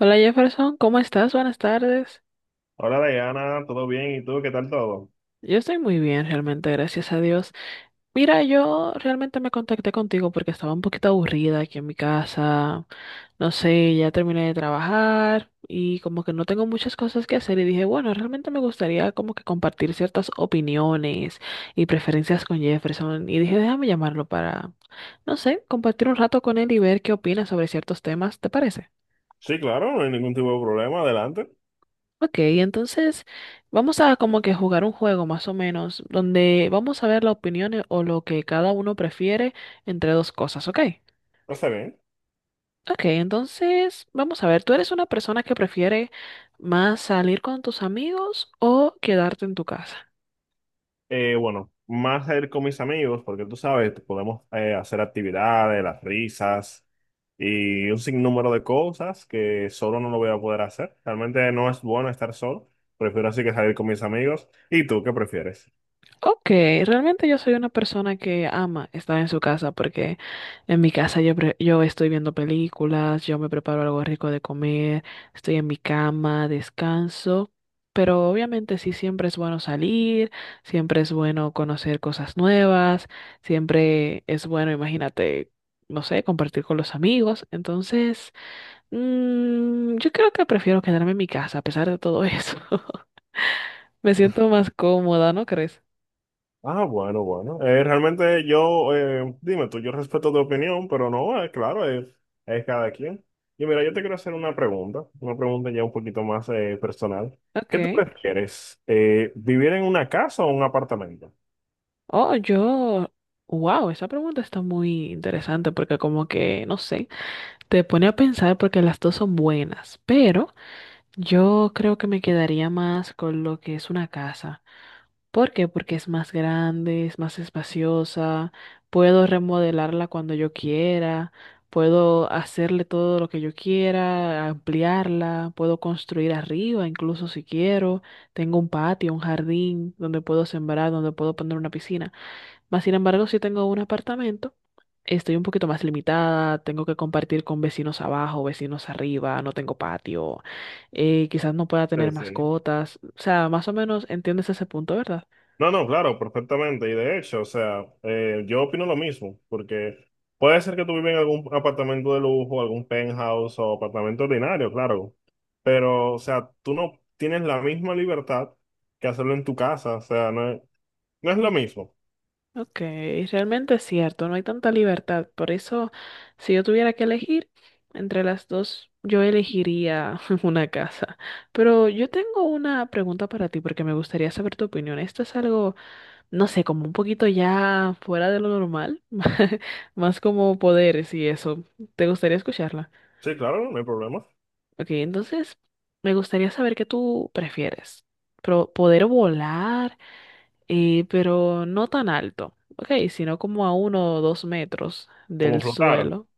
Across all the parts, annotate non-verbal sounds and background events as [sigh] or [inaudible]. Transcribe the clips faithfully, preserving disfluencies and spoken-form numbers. Hola Jefferson, ¿cómo estás? Buenas tardes. Hola Diana, ¿todo bien? ¿Y tú qué tal todo? Yo estoy muy bien, realmente, gracias a Dios. Mira, yo realmente me contacté contigo porque estaba un poquito aburrida aquí en mi casa. No sé, ya terminé de trabajar y como que no tengo muchas cosas que hacer y dije, bueno, realmente me gustaría como que compartir ciertas opiniones y preferencias con Jefferson y dije, déjame llamarlo para, no sé, compartir un rato con él y ver qué opina sobre ciertos temas, ¿te parece? Sí, claro, no hay ningún tipo de problema, adelante. Ok, entonces vamos a como que jugar un juego más o menos, donde vamos a ver la opinión eh, o lo que cada uno prefiere entre dos cosas, ¿ok? Está bien. Ok, entonces vamos a ver, ¿tú eres una persona que prefiere más salir con tus amigos o quedarte en tu casa? Eh, bueno, más a ir con mis amigos, porque tú sabes, podemos eh, hacer actividades, las risas y un sinnúmero de cosas que solo no lo voy a poder hacer. Realmente no es bueno estar solo, prefiero así que salir con mis amigos. ¿Y tú qué prefieres? Ok, realmente yo soy una persona que ama estar en su casa porque en mi casa yo, pre- yo estoy viendo películas, yo me preparo algo rico de comer, estoy en mi cama, descanso, pero obviamente sí siempre es bueno salir, siempre es bueno conocer cosas nuevas, siempre es bueno, imagínate, no sé, compartir con los amigos, entonces mm, yo creo que prefiero quedarme en mi casa a pesar de todo eso. [laughs] Me siento más cómoda, ¿no crees? Ah, bueno, bueno. Eh, realmente yo, eh, dime tú, yo respeto tu opinión, pero no, eh, claro, es, es cada quien. Y mira, yo te quiero hacer una pregunta, una pregunta ya un poquito más eh, personal. Ok. ¿Qué tú prefieres, eh, vivir en una casa o un apartamento? Oh, yo, wow, esa pregunta está muy interesante porque como que, no sé, te pone a pensar porque las dos son buenas, pero yo creo que me quedaría más con lo que es una casa. ¿Por qué? Porque es más grande, es más espaciosa, puedo remodelarla cuando yo quiera, puedo hacerle todo lo que yo quiera, ampliarla, puedo construir arriba, incluso si quiero, tengo un patio, un jardín donde puedo sembrar, donde puedo poner una piscina. Más sin embargo, si tengo un apartamento, estoy un poquito más limitada, tengo que compartir con vecinos abajo, vecinos arriba, no tengo patio, eh, quizás no pueda Sí, tener sí. mascotas, o sea, más o menos entiendes ese punto, ¿verdad? No, no, claro, perfectamente. Y de hecho, o sea, eh, yo opino lo mismo, porque puede ser que tú vivas en algún apartamento de lujo, algún penthouse o apartamento ordinario, claro, pero, o sea, tú no tienes la misma libertad que hacerlo en tu casa, o sea, no es, no es lo mismo. Ok, realmente es cierto, no hay tanta libertad, por eso si yo tuviera que elegir entre las dos, yo elegiría [laughs] una casa. Pero yo tengo una pregunta para ti porque me gustaría saber tu opinión. Esto es algo no sé, como un poquito ya fuera de lo normal, [laughs] más como poderes y eso. ¿Te gustaría escucharla? Sí, claro, no hay problema. Ok, entonces me gustaría saber qué tú prefieres. Pro poder volar, eh, pero no tan alto, ok, sino como a uno o dos metros Como del flotar. suelo.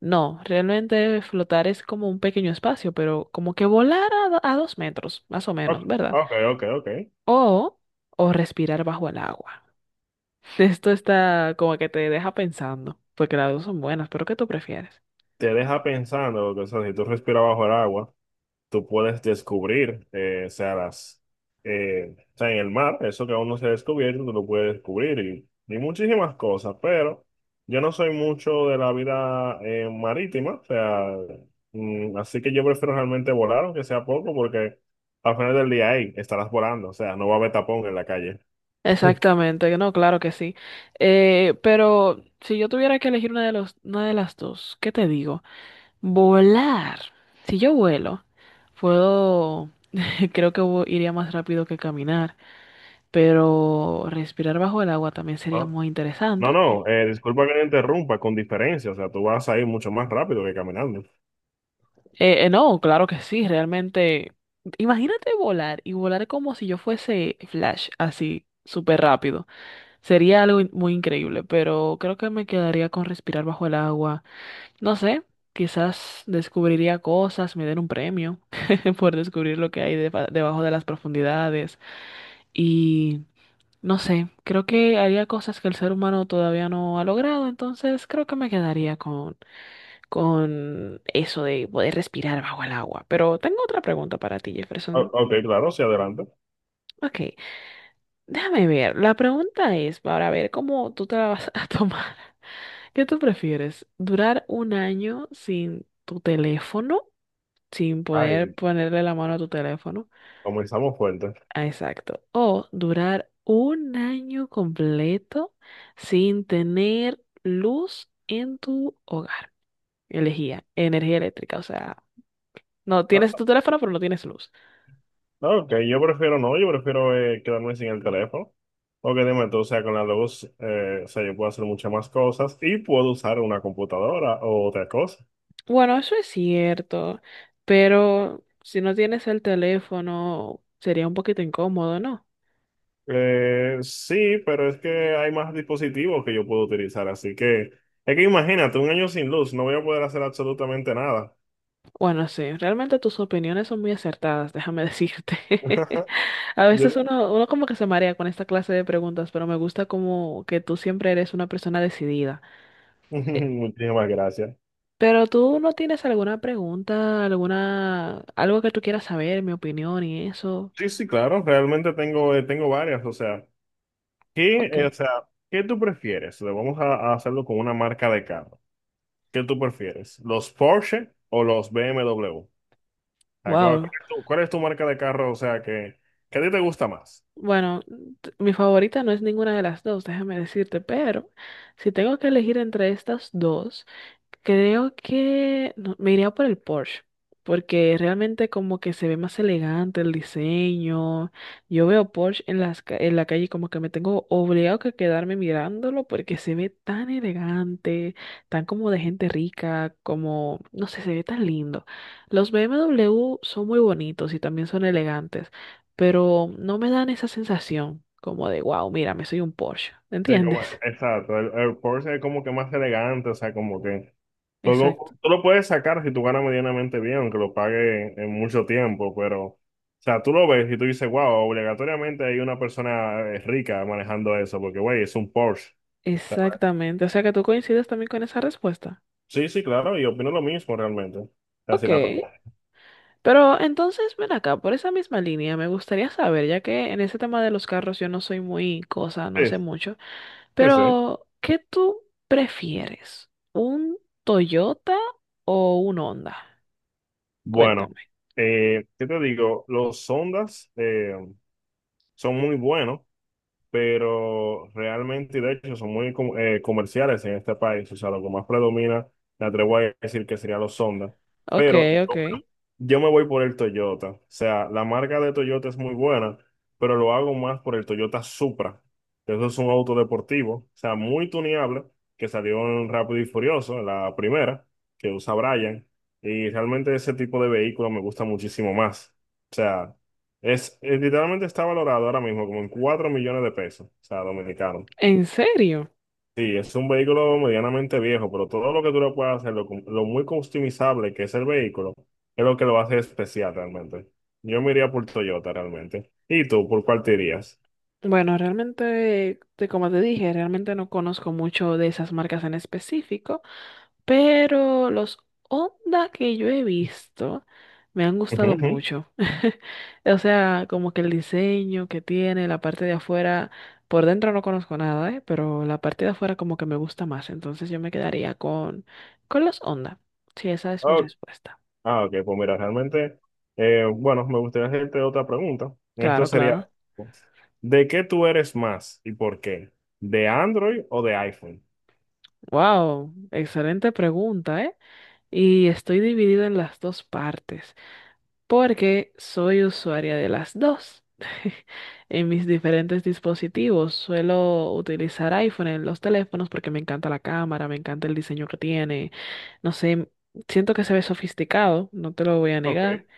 No, realmente flotar es como un pequeño espacio, pero como que volar a, do- a dos metros, más o menos, Ok, ¿verdad? ok, ok. Ok. O, o respirar bajo el agua. Esto está como que te deja pensando, porque las dos son buenas, pero ¿qué tú prefieres? Te deja pensando, porque, o sea, si tú respiras bajo el agua, tú puedes descubrir, eh, o sea, las, eh, o sea, en el mar, eso que aún no se ha descubierto, tú lo puedes descubrir y, y muchísimas cosas, pero yo no soy mucho de la vida eh, marítima, o sea, mm, así que yo prefiero realmente volar, aunque sea poco, porque al final del día ahí estarás volando, o sea, no va a haber tapón en la calle. Exactamente, no, claro que sí. Eh, pero si yo tuviera que elegir una de los, una de las dos, ¿qué te digo? Volar. Si yo vuelo, puedo, [laughs] creo que vo- iría más rápido que caminar, pero respirar bajo el agua también sería No, muy no, interesante. no, eh, disculpa que te interrumpa, con diferencia, o sea, tú vas a ir mucho más rápido que caminando. Eh, eh, no, claro que sí, realmente. Imagínate volar y volar como si yo fuese Flash, así, súper rápido. Sería algo in- muy increíble, pero creo que me quedaría con respirar bajo el agua. No sé, quizás descubriría cosas, me den un premio [laughs] por descubrir lo que hay deba- debajo de las profundidades. Y no sé, creo que haría cosas que el ser humano todavía no ha logrado, entonces creo que me quedaría con, con eso de poder respirar bajo el agua. Pero tengo otra pregunta para ti, O- Jefferson. Ok, claro, sí, adelante. Ok, déjame ver. La pregunta es para ver cómo tú te la vas a [laughs] tomar. ¿Qué tú prefieres? ¿Durar un año sin tu teléfono, sin poder Ay, ponerle la mano a tu teléfono? comenzamos fuerte. Ah, exacto. O durar un año completo sin tener luz en tu hogar. Elegía energía eléctrica, o sea, no tienes tu teléfono, pero no tienes luz. No, que yo prefiero no, yo prefiero eh, quedarme sin el teléfono. Porque dime tú, o sea, con la luz, eh, o sea, yo puedo hacer muchas más cosas y puedo usar una computadora o otra cosa. Bueno, eso es cierto, pero si no tienes el teléfono, sería un poquito incómodo, ¿no? Eh, sí, pero es que hay más dispositivos que yo puedo utilizar, así que es que imagínate, un año sin luz, no voy a poder hacer absolutamente nada. Bueno, sí, realmente tus opiniones son muy acertadas, déjame decirte. [laughs] [laughs] A Yo- veces uno, uno como que se marea con esta clase de preguntas, pero me gusta como que tú siempre eres una persona decidida. [laughs] muchísimas gracias. Pero tú no tienes alguna pregunta, alguna, algo que tú quieras saber, mi opinión y eso. Sí, sí, claro, realmente tengo, eh, tengo varias, o sea, ¿qué, Ok. eh, o sea, ¿qué tú prefieres? Le vamos a, a hacerlo con una marca de carro. ¿Qué tú prefieres? ¿Los Porsche o los B M W? O sea, ¿cuál, ¿cuál Wow. es tu, cuál es tu marca de carro? O sea, que, que a ti te gusta más. Bueno, t- mi favorita no es ninguna de las dos, déjame decirte, pero si tengo que elegir entre estas dos, creo que no- me iría por el Porsche, porque realmente como que se ve más elegante el diseño. Yo veo Porsche en las, ca- en la calle como que me tengo obligado que quedarme mirándolo porque se ve tan elegante, tan como de gente rica, como, no sé, se ve tan lindo. Los B M W son muy bonitos y también son elegantes, pero no me dan esa sensación como de, wow, mira me soy un Porsche, Sí, como, ¿entiendes? exacto. El, el Porsche es como que más elegante, o sea, como que [laughs] tú Exacto, lo, tú lo puedes sacar si tú ganas medianamente bien, aunque lo pague en, en mucho tiempo, pero, o sea, tú lo ves y tú dices, wow, obligatoriamente hay una persona eh, rica manejando eso, porque, güey, es un Porsche. O sea, exactamente. O sea que tú coincides también con esa respuesta. sí, sí, claro, y opino lo mismo realmente. Ok, Así la pregunta. pero entonces ven acá, por esa misma línea, me gustaría saber, ya que en ese tema de los carros yo no soy muy cosa, no sé Sí, mucho, sí, sí. pero ¿qué tú prefieres? ¿Un Toyota o un Honda? Bueno, Cuéntame. eh, ¿qué te digo? Los Sondas eh, son muy buenos, pero realmente, de hecho, son muy com- eh, comerciales en este país. O sea, lo que más predomina, me atrevo a decir que serían los Sondas. Ok, Pero ok. yo me voy por el Toyota. O sea, la marca de Toyota es muy buena, pero lo hago más por el Toyota Supra. Eso es un auto deportivo, o sea, muy tuneable, que salió en Rápido y Furioso, la primera, que usa Brian. Y realmente ese tipo de vehículo me gusta muchísimo más. O sea, es, es- literalmente está valorado ahora mismo como en cuatro millones de pesos, o sea, dominicano. ¿En serio? Sí, es un vehículo medianamente viejo, pero todo lo que tú le puedas hacer, lo, cum- lo muy customizable que es el vehículo, es lo que lo hace especial realmente. Yo me iría por Toyota realmente. ¿Y tú, por cuál te irías? Bueno, realmente, te- como te dije, realmente no conozco mucho de esas marcas en específico, pero los Honda que yo he visto me han Ujú, gustado ujú. mucho. [laughs] O sea, como que el diseño que tiene, la parte de afuera, por dentro no conozco nada, ¿eh? Pero la parte de afuera como que me gusta más, entonces yo me quedaría con, con los Honda. Sí, esa es mi Ok. respuesta. Ah, ok, pues mira, realmente, eh, bueno, me gustaría hacerte otra pregunta. Esto Claro, sería, claro. ¿de qué tú eres más y por qué? ¿De Android o de iPhone? Wow, excelente pregunta, ¿eh? Y estoy dividida en las dos partes, porque soy usuaria de las dos. [laughs] En mis diferentes dispositivos suelo utilizar iPhone en los teléfonos porque me encanta la cámara, me encanta el diseño que tiene. No sé, siento que se ve sofisticado, no te lo voy a negar. Ok.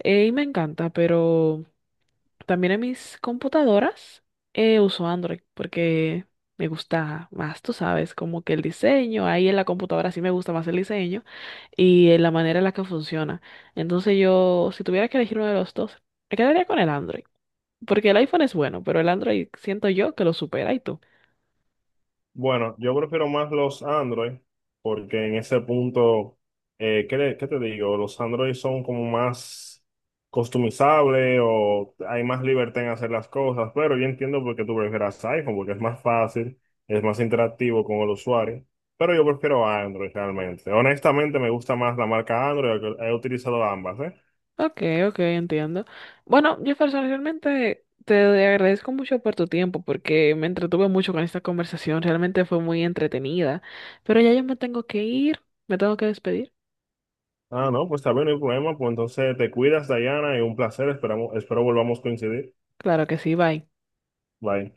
eh, Y me encanta, pero también en mis computadoras eh, uso Android porque me gusta más, tú sabes, como que el diseño, ahí en la computadora sí me gusta más el diseño y eh, la manera en la que funciona. Entonces yo, si tuviera que elegir uno de los dos, me quedaría con el Android, porque el iPhone es bueno, pero el Android siento yo que lo supera y tú. Bueno, yo prefiero más los Android porque en ese punto, eh, ¿qué, le- ¿qué te digo? Los Android son como más customizables o hay más libertad en hacer las cosas, pero yo entiendo por qué tú prefieras iPhone porque es más fácil, es más interactivo con el usuario, pero yo prefiero Android realmente. Honestamente me gusta más la marca Android, he he utilizado ambas, ¿eh? Ok, ok, entiendo. Bueno, Jefferson, realmente te agradezco mucho por tu tiempo porque me entretuve mucho con esta conversación, realmente fue muy entretenida, pero ya yo me tengo que ir, me tengo que despedir. Ah, no, pues está bien, no hay problema, pues entonces te cuidas, Dayana, y un placer, esperamos, espero volvamos a coincidir. Claro que sí, bye. Bye.